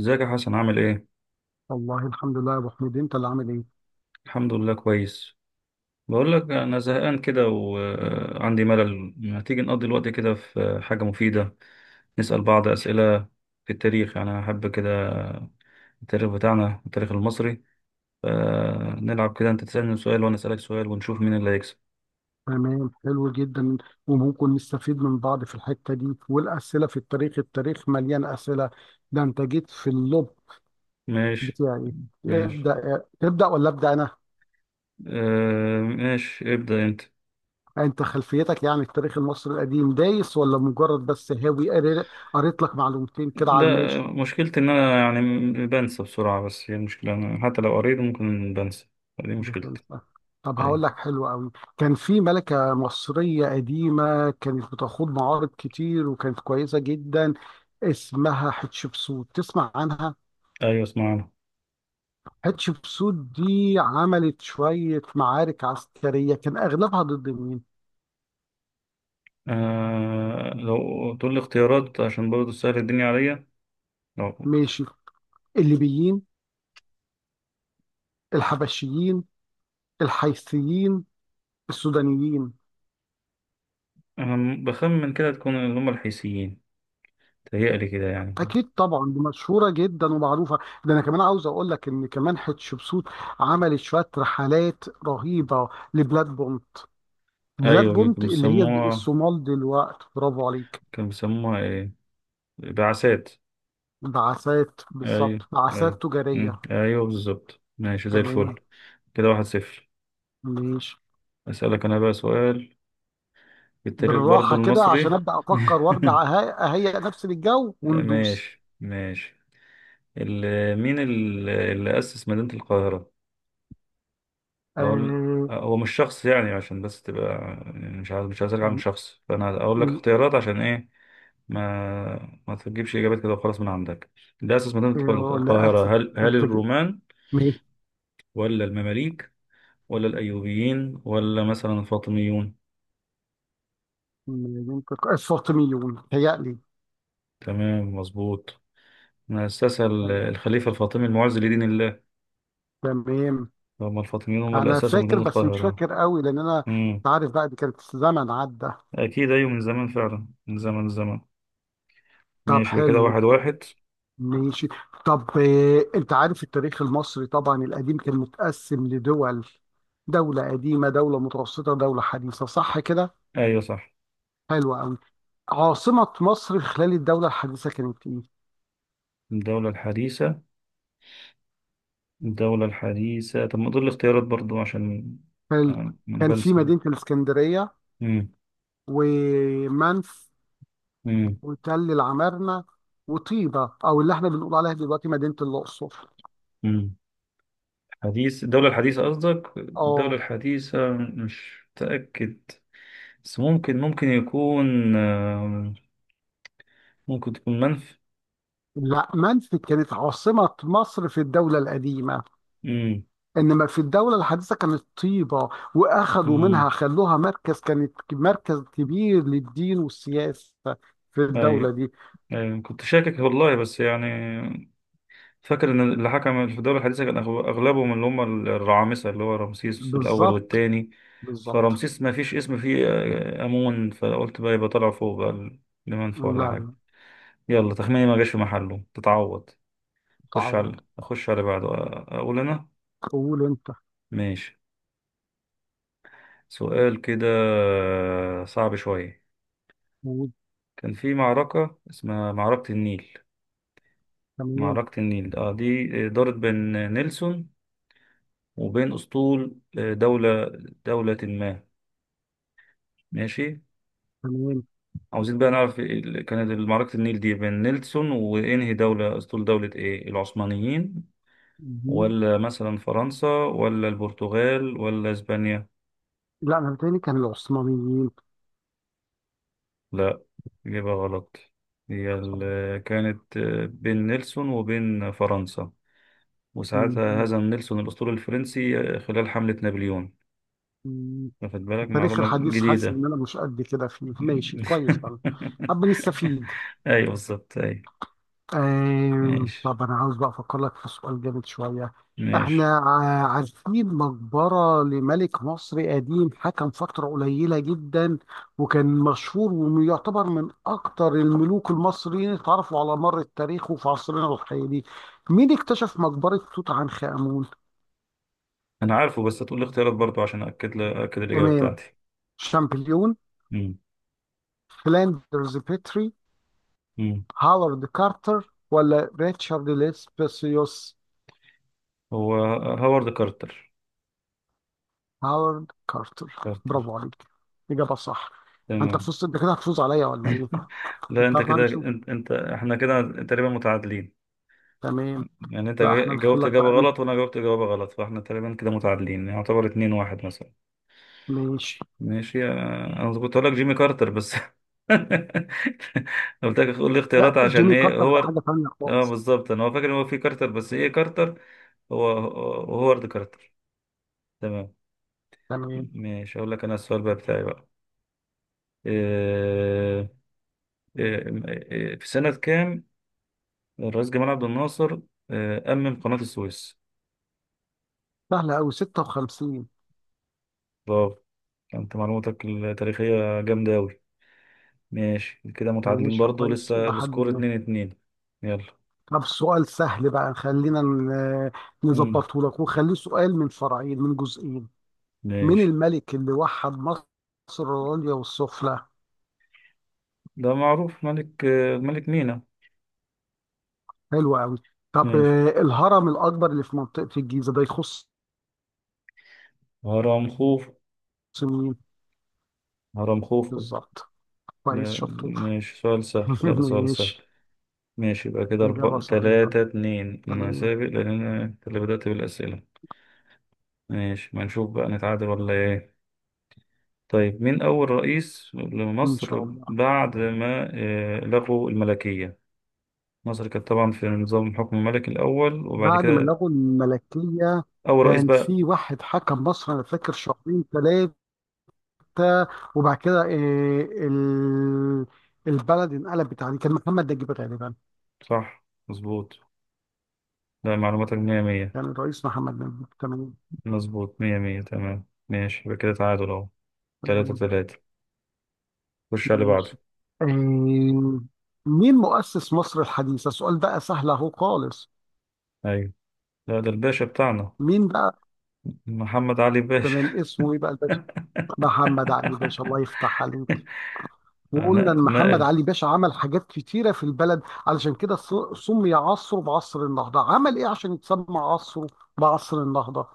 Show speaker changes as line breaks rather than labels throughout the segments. ازيك يا حسن، عامل ايه؟
والله الحمد لله يا ابو حميد، انت اللي عامل ايه؟
الحمد لله، كويس. بقول لك، انا زهقان كده وعندي ملل. ما تيجي نقضي الوقت كده في حاجة مفيدة؟ نسأل بعض أسئلة في التاريخ. يعني انا احب كده التاريخ بتاعنا، التاريخ المصري. فنلعب كده، انت تسألني سؤال وانا أسألك سؤال، ونشوف مين اللي هيكسب.
تمام، حلو جدا. وممكن نستفيد من بعض في الحته دي. والاسئله في التاريخ التاريخ مليان اسئله. ده انت جيت في اللب
ماشي،
بتاعي.
ماشي.
ابدا، تبدا ولا ابدا انا؟
آه، ماشي. ابدأ انت.
انت خلفيتك يعني التاريخ المصري القديم دايس ولا مجرد بس هاوي قريت لك معلومتين كده
لا،
على الماشي؟
مشكلتي ان انا يعني بنسى بسرعة. بس هي المشكلة، انا حتى لو قريت ممكن بنسى. دي مشكلتي.
بتنسى؟ طب هقول
أيوة.
لك، حلو قوي. كان في ملكة مصرية قديمة كانت بتخوض معارض كتير وكانت كويسة جدا، اسمها حتشبسوت. تسمع عنها؟
ايوه، اسمعنا.
حتشبسوت دي عملت شوية معارك عسكرية، كان أغلبها ضد مين؟
آه، لو تقول لي اختيارات عشان برضه تسهل الدنيا عليا، لو
ماشي: الليبيين، الحبشيين، الحيثيين، السودانيين.
أنا بخمن كده تكون اللي هم الحيثيين. تهيألي كده يعني.
أكيد طبعا، دي مشهورة جدا ومعروفة. ده أنا كمان عاوز أقول لك إن كمان حتشبسوت عملت شوية رحلات رهيبة لبلادهم، بلاد
أيوة،
بونت
كانوا
اللي هي
بيسموها
الصومال دلوقتي. برافو عليك.
كانوا بيسموها إيه؟ بعثات.
بعثات،
أيوة.
بالظبط،
أيوة.
بعثات تجارية.
مم. أيوة، بالظبط. ماشي، زي
تمام.
الفل. كده 1-0.
ماشي.
أسألك أنا بقى سؤال في التاريخ برضه
بالراحة كده
المصري.
عشان أبدأ أفكر وأرجع أهيئ نفسي للجو وندوس.
ماشي، ماشي. مين اللي أسس مدينة القاهرة؟ اقول،
آه.
هو مش شخص يعني عشان بس تبقى، يعني مش عايز على
ال
شخص، فانا اقول لك
ال
اختيارات عشان ايه. ما تجيبش اجابات كده وخلاص من عندك. الاساس ما تدخل
ولا أسف.
القاهره. هل
أنتج.
الرومان
مين؟
ولا المماليك ولا الايوبيين ولا مثلا الفاطميون؟
مين السلطميون هيألي؟
تمام، مظبوط. ما اسسها الخليفه الفاطمي المعز لدين الله.
تمام.
هم الفاطميون هم اللي
أنا
اسسوا
فاكر
مدينه
بس مش
القاهره.
فاكر قوي، لأن أنا
امم،
أنت عارف بقى دي كانت زمن عدى.
اكيد. ايوه، من زمان فعلا، من زمن زمن.
طب
ماشي، يبقى كده
حلو.
1-1.
ماشي. طب انت عارف التاريخ المصري طبعا القديم كان متقسم لدول: دولة قديمة، دولة متوسطة، دولة حديثة، صح كده؟
ايوه صح.
حلو قوي. عاصمة مصر خلال الدولة الحديثة كانت ايه؟
الدولة الحديثة، الدولة الحديثة، طب ما دول الاختيارات برضو عشان
حلو.
ما أنا
كان في
بنسى.
مدينة الإسكندرية،
مم.
ومنف،
مم.
وتل العمارنة، وطيبة او اللي احنا بنقول عليها دلوقتي مدينة الأقصر.
مم. حديث الدولة الحديثة قصدك، الدولة
اه.
الحديثة؟ مش متأكد بس ممكن يكون، ممكن تكون منف.
لا، منف كانت عاصمة مصر في الدولة القديمة،
مم.
انما في الدوله الحديثه كانت طيبه، واخذوا
مم.
منها خلوها مركز، كانت مركز كبير للدين والسياسه في الدوله
أيوة.
دي.
أيوة، كنت شاكك والله بس يعني فاكر ان اللي حكم في الدولة الحديثة كان اغلبهم اللي هم الرعامسة، اللي هو رمسيس الاول
بالظبط.
والتاني.
بالظبط.
فرمسيس ما فيش اسم فيه امون، فقلت بقى يبقى طلع فوق بقى
لا
المنفى ولا حاجة.
لا.
يلا، تخميني ما جاش في محله، تتعوض. خش
تعوض.
على، اخش على بعده. اقول انا.
قول انت.
ماشي. سؤال كده صعب شوية.
قول.
كان في معركة اسمها معركة النيل.
تمام.
معركة النيل اه دي دارت بين نيلسون، وبين اسطول دولة، دولة ما. ماشي.
تمام.
عاوزين بقى نعرف إيه كانت معركة النيل دي بين نيلسون وإنهي دولة، أسطول دولة إيه؟ العثمانيين،
دي؟
ولا مثلا فرنسا، ولا البرتغال، ولا إسبانيا؟
لا انا بتهيألي كان العثمانيين.
لا، إجابة غلط. هي كانت بين نيلسون وبين فرنسا. وساعتها
م-
هزم نيلسون الأسطول الفرنسي خلال حملة نابليون.
م-
واخد بالك،
التاريخ
معلومة
الحديث حاسس
جديدة.
ان انا مش قد كده فيه، ماشي كويس طبعا. طب نستفيد.
أيوة، بالظبط، أيوة. ماشي،
طب أنا عاوز بقى أفكر لك في سؤال جامد شوية.
ماشي.
إحنا عارفين مقبرة لملك مصر قديم، حكم فترة قليلة جدا، وكان مشهور، ويعتبر من أكتر الملوك المصريين اللي اتعرفوا على مر التاريخ وفي عصرنا الحالي. مين اكتشف مقبرة توت عنخ آمون؟
انا عارفه بس هتقول لي اختيارات برضه عشان اكد اكد الاجابه
تمام.
بتاعتي.
شامبليون،
امم
فلاندرز بيتري،
امم
هاورد كارتر، ولا ريتشارد ليسبسيوس؟
هو هوارد كارتر.
هاورد كارتر.
كارتر.
برافو عليك. إجابة صح. أنت
تمام.
فزت. أنت كده هتفوز عليا ولا إيه؟
لا،
أنت
انت
عارف،
كده
هنشوف.
انت، احنا كده تقريبا متعادلين.
تمام.
يعني انت
لا إحنا ندخل
جاوبت
لك
اجابه
بقى
غلط، وانا جاوبت اجابه غلط، فاحنا تقريبا كده متعادلين، يعتبر 2-1 مثلا.
ماشي.
ماشي، انا كنت هقول لك جيمي كارتر بس. قلت لك قول لي اختيارات
لا،
عشان
جيمي
ايه
كارتر
هو.
ده حاجة تانية
اه،
خالص.
بالظبط. انا هو فاكر ان هو في كارتر، بس ايه كارتر؟ هو هوارد كارتر. تمام.
تمام.
ماشي، اقول لك انا السؤال بقى بتاعي بقى. إيه إيه إيه في سنة كام الرئيس جمال عبد الناصر إيه أمم قناة السويس؟
سهلة أوي، 56.
برافو. انت معلوماتك التاريخية جامدة أوي. ماشي، كده متعادلين
ماشي
برضه
كويس
لسه،
إلى حد
السكور
ما.
2-2. يلا.
طب سؤال سهل بقى، خلينا
مم.
نظبطه لك وخليه سؤال من فرعين، من جزئين. مين
ماشي.
الملك اللي وحد مصر العليا والسفلى؟
ده معروف، ملك ملك مينا.
حلو أوي. طب
ماشي،
الهرم الأكبر اللي في منطقة الجيزة ده يخص
هرمخوف.
مين؟
هرمخوف.
بالظبط. كويس،
لا،
شطور.
ماشي سؤال سهل. لا، ده سؤال سهل.
ماشي.
ماشي، يبقى كده
إجابة
أربعة
صحيحة.
تلاتة اتنين. أنا
تمام.
سابق لأن أنا، أنت اللي بدأت بالأسئلة. ماشي، ما نشوف بقى نتعادل ولا ايه. طيب، مين أول رئيس
إن شاء
لمصر
الله.
بعد ما لغوا الملكية؟ مصر كانت طبعا في نظام الحكم الملكي الأول، وبعد
بعد ما
كده
لغوا الملكية،
أول رئيس
كان
بقى.
في واحد حكم مصر أنا فاكر شهرين ثلاثة، وبعد كده إيه ال... البلد انقلبت عليه، كان محمد نجيب غالبا.
صح، مظبوط. لا، معلوماتك مية مية.
كان الرئيس محمد نجيب. تمام.
مظبوط، مية مية. تمام، ماشي، يبقى كده تعادل أهو، تلاتة
تمام.
تلاتة خش على اللي بعده.
ماشي. إيه؟ مين مؤسس مصر الحديثة؟ السؤال بقى سهل أهو خالص.
أيوة، لا ده الباشا بتاعنا،
مين بقى؟
محمد علي باشا.
تمام. اسمه إيه بقى الباشا؟ محمد علي باشا، الله يفتح عليك. وقلنا ان محمد
نقل.
علي باشا عمل حاجات كتيره في البلد، علشان كده سمي عصره بعصر النهضه. عمل ايه عشان يتسمى عصره بعصر النهضه؟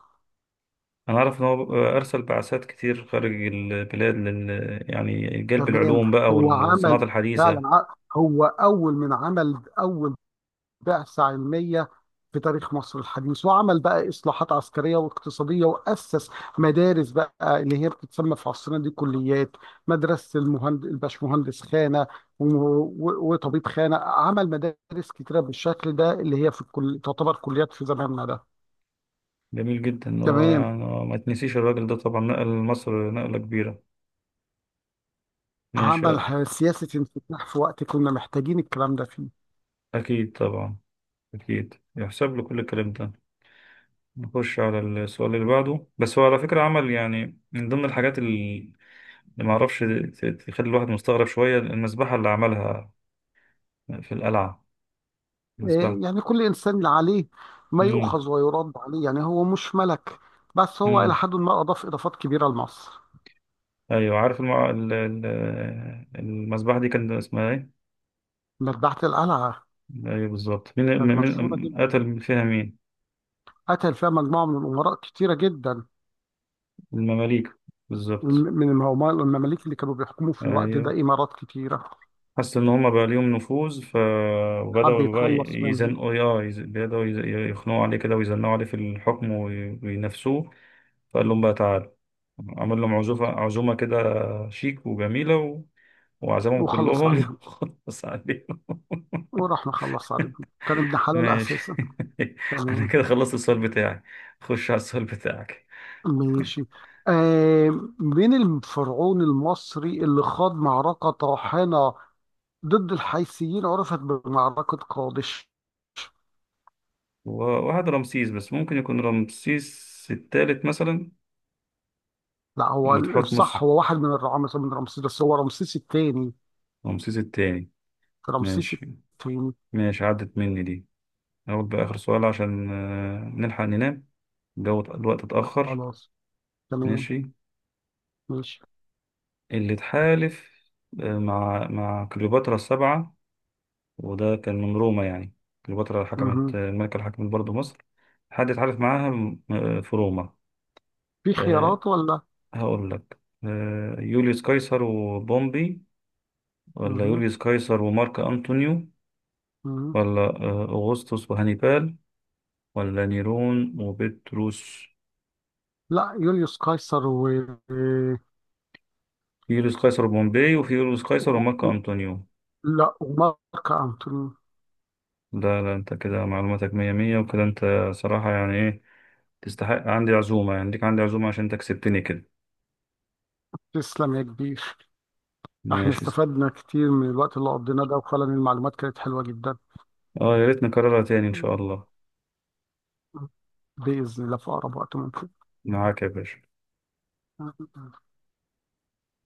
أنا عارف إن هو أرسل بعثات كتير خارج البلاد لل، يعني جلب
تمام.
العلوم بقى
هو
والصناعات
عمل، فعلا
الحديثة.
هو اول من عمل اول بعثة علمية في تاريخ مصر الحديث، وعمل بقى إصلاحات عسكرية واقتصادية، وأسس مدارس بقى اللي هي بتتسمى في عصرنا دي كليات. مدرسة المهند... الباشمهندس خانة، و... و... وطبيب خانة. عمل مدارس كتيرة بالشكل ده اللي هي في الكل... تعتبر كليات في زماننا ده.
جميل جدا إن هو
تمام.
يعني ما تنسيش الراجل ده طبعا نقل مصر نقلة كبيرة. ماشي.
عمل سياسة انفتاح في وقت كنا محتاجين الكلام ده فيه.
أكيد طبعا، أكيد يحسب له كل الكلام ده. نخش على السؤال اللي بعده، بس هو على فكرة عمل يعني من ضمن الحاجات اللي ما أعرفش، تخلي الواحد مستغرب شوية، المذبحة اللي عملها في القلعة.
إيه،
مذبحة.
يعني كل إنسان اللي عليه ما
امم.
يؤخذ ويرد عليه، يعني هو مش ملك، بس هو إلى حد ما أضاف إضافات كبيرة لمصر.
ايوه، عارف المذبحة دي كان اسمها ايه؟
مذبحة القلعة
ايوه، بالظبط.
كانت مشهورة جدا.
قتل فيها مين؟
قتل فيها مجموعة من الأمراء كتيرة جدا.
المماليك،
من
بالظبط.
من المماليك اللي كانوا بيحكموا في الوقت ده
ايوه،
إمارات كتيرة.
حس ان هم بقى ليهم نفوذ،
حب
فبدأوا بقى
يتخلص منهم.
يزنقوا، اه، يخنقوا عليه كده ويزنقوا عليه في الحكم وينافسوه. فقال لهم بقى تعالوا، عمل لهم عزومة كده شيك وجميلة وعزمهم
وخلص
كلهم.
عليهم.
خلص عليهم.
وراح مخلص عليهم. كان ابن حلال
ماشي.
أساسا.
انا
تمام.
كده خلصت السؤال بتاعي. خش على السؤال بتاعك.
ماشي. آه. من الفرعون المصري اللي خاض معركة طاحنة ضد الحيثيين، عرفت بمعركة قادش؟
وواحد رمسيس، بس ممكن يكون رمسيس التالت مثلا،
لا، هو
ولا
الصح
تحتمس.
هو واحد من الرعامسة، من رمسيس، بس هو رمسيس الثاني.
رمسيس التاني.
رمسيس
ماشي،
التاني.
ماشي، عدت مني دي. اقول بقى اخر سؤال عشان نلحق ننام. الجو، الوقت اتأخر.
خلاص. تمام.
ماشي.
ماشي.
اللي اتحالف مع كليوباترا السبعة، وده كان من روما يعني. كليوباترا حكمت،
مهم.
الملكة اللي حكمت برضه مصر، حد اتحالف معاها في روما؟
في
آه،
خيارات ولا؟
هقول لك، يوليوس قيصر وبومبي، ولا
مهم.
يوليوس قيصر ومارك أنطونيو،
مهم.
ولا أغسطس وهانيبال، ولا نيرون وبطرس؟
لا، يوليوس قيصر و...
في يوليوس قيصر وبومبي، وفي يوليوس قيصر ومارك أنطونيو.
لا، ومارك أنتوني.
لا، لا، انت كده معلوماتك مية مية، وكده انت صراحة يعني ايه، تستحق عندي عزومة، يعني ليك عندي عزومة عشان انت كسبتني كده.
تسلم يا كبير. احنا
ماشي.
استفدنا كتير من الوقت اللي قضيناه ده، وفعلا المعلومات كانت حلوة جدا.
اه، يا ريت نكررها تاني ان شاء
مم.
الله.
بإذن الله في أقرب وقت.
معاك يا باشا.
ممكن.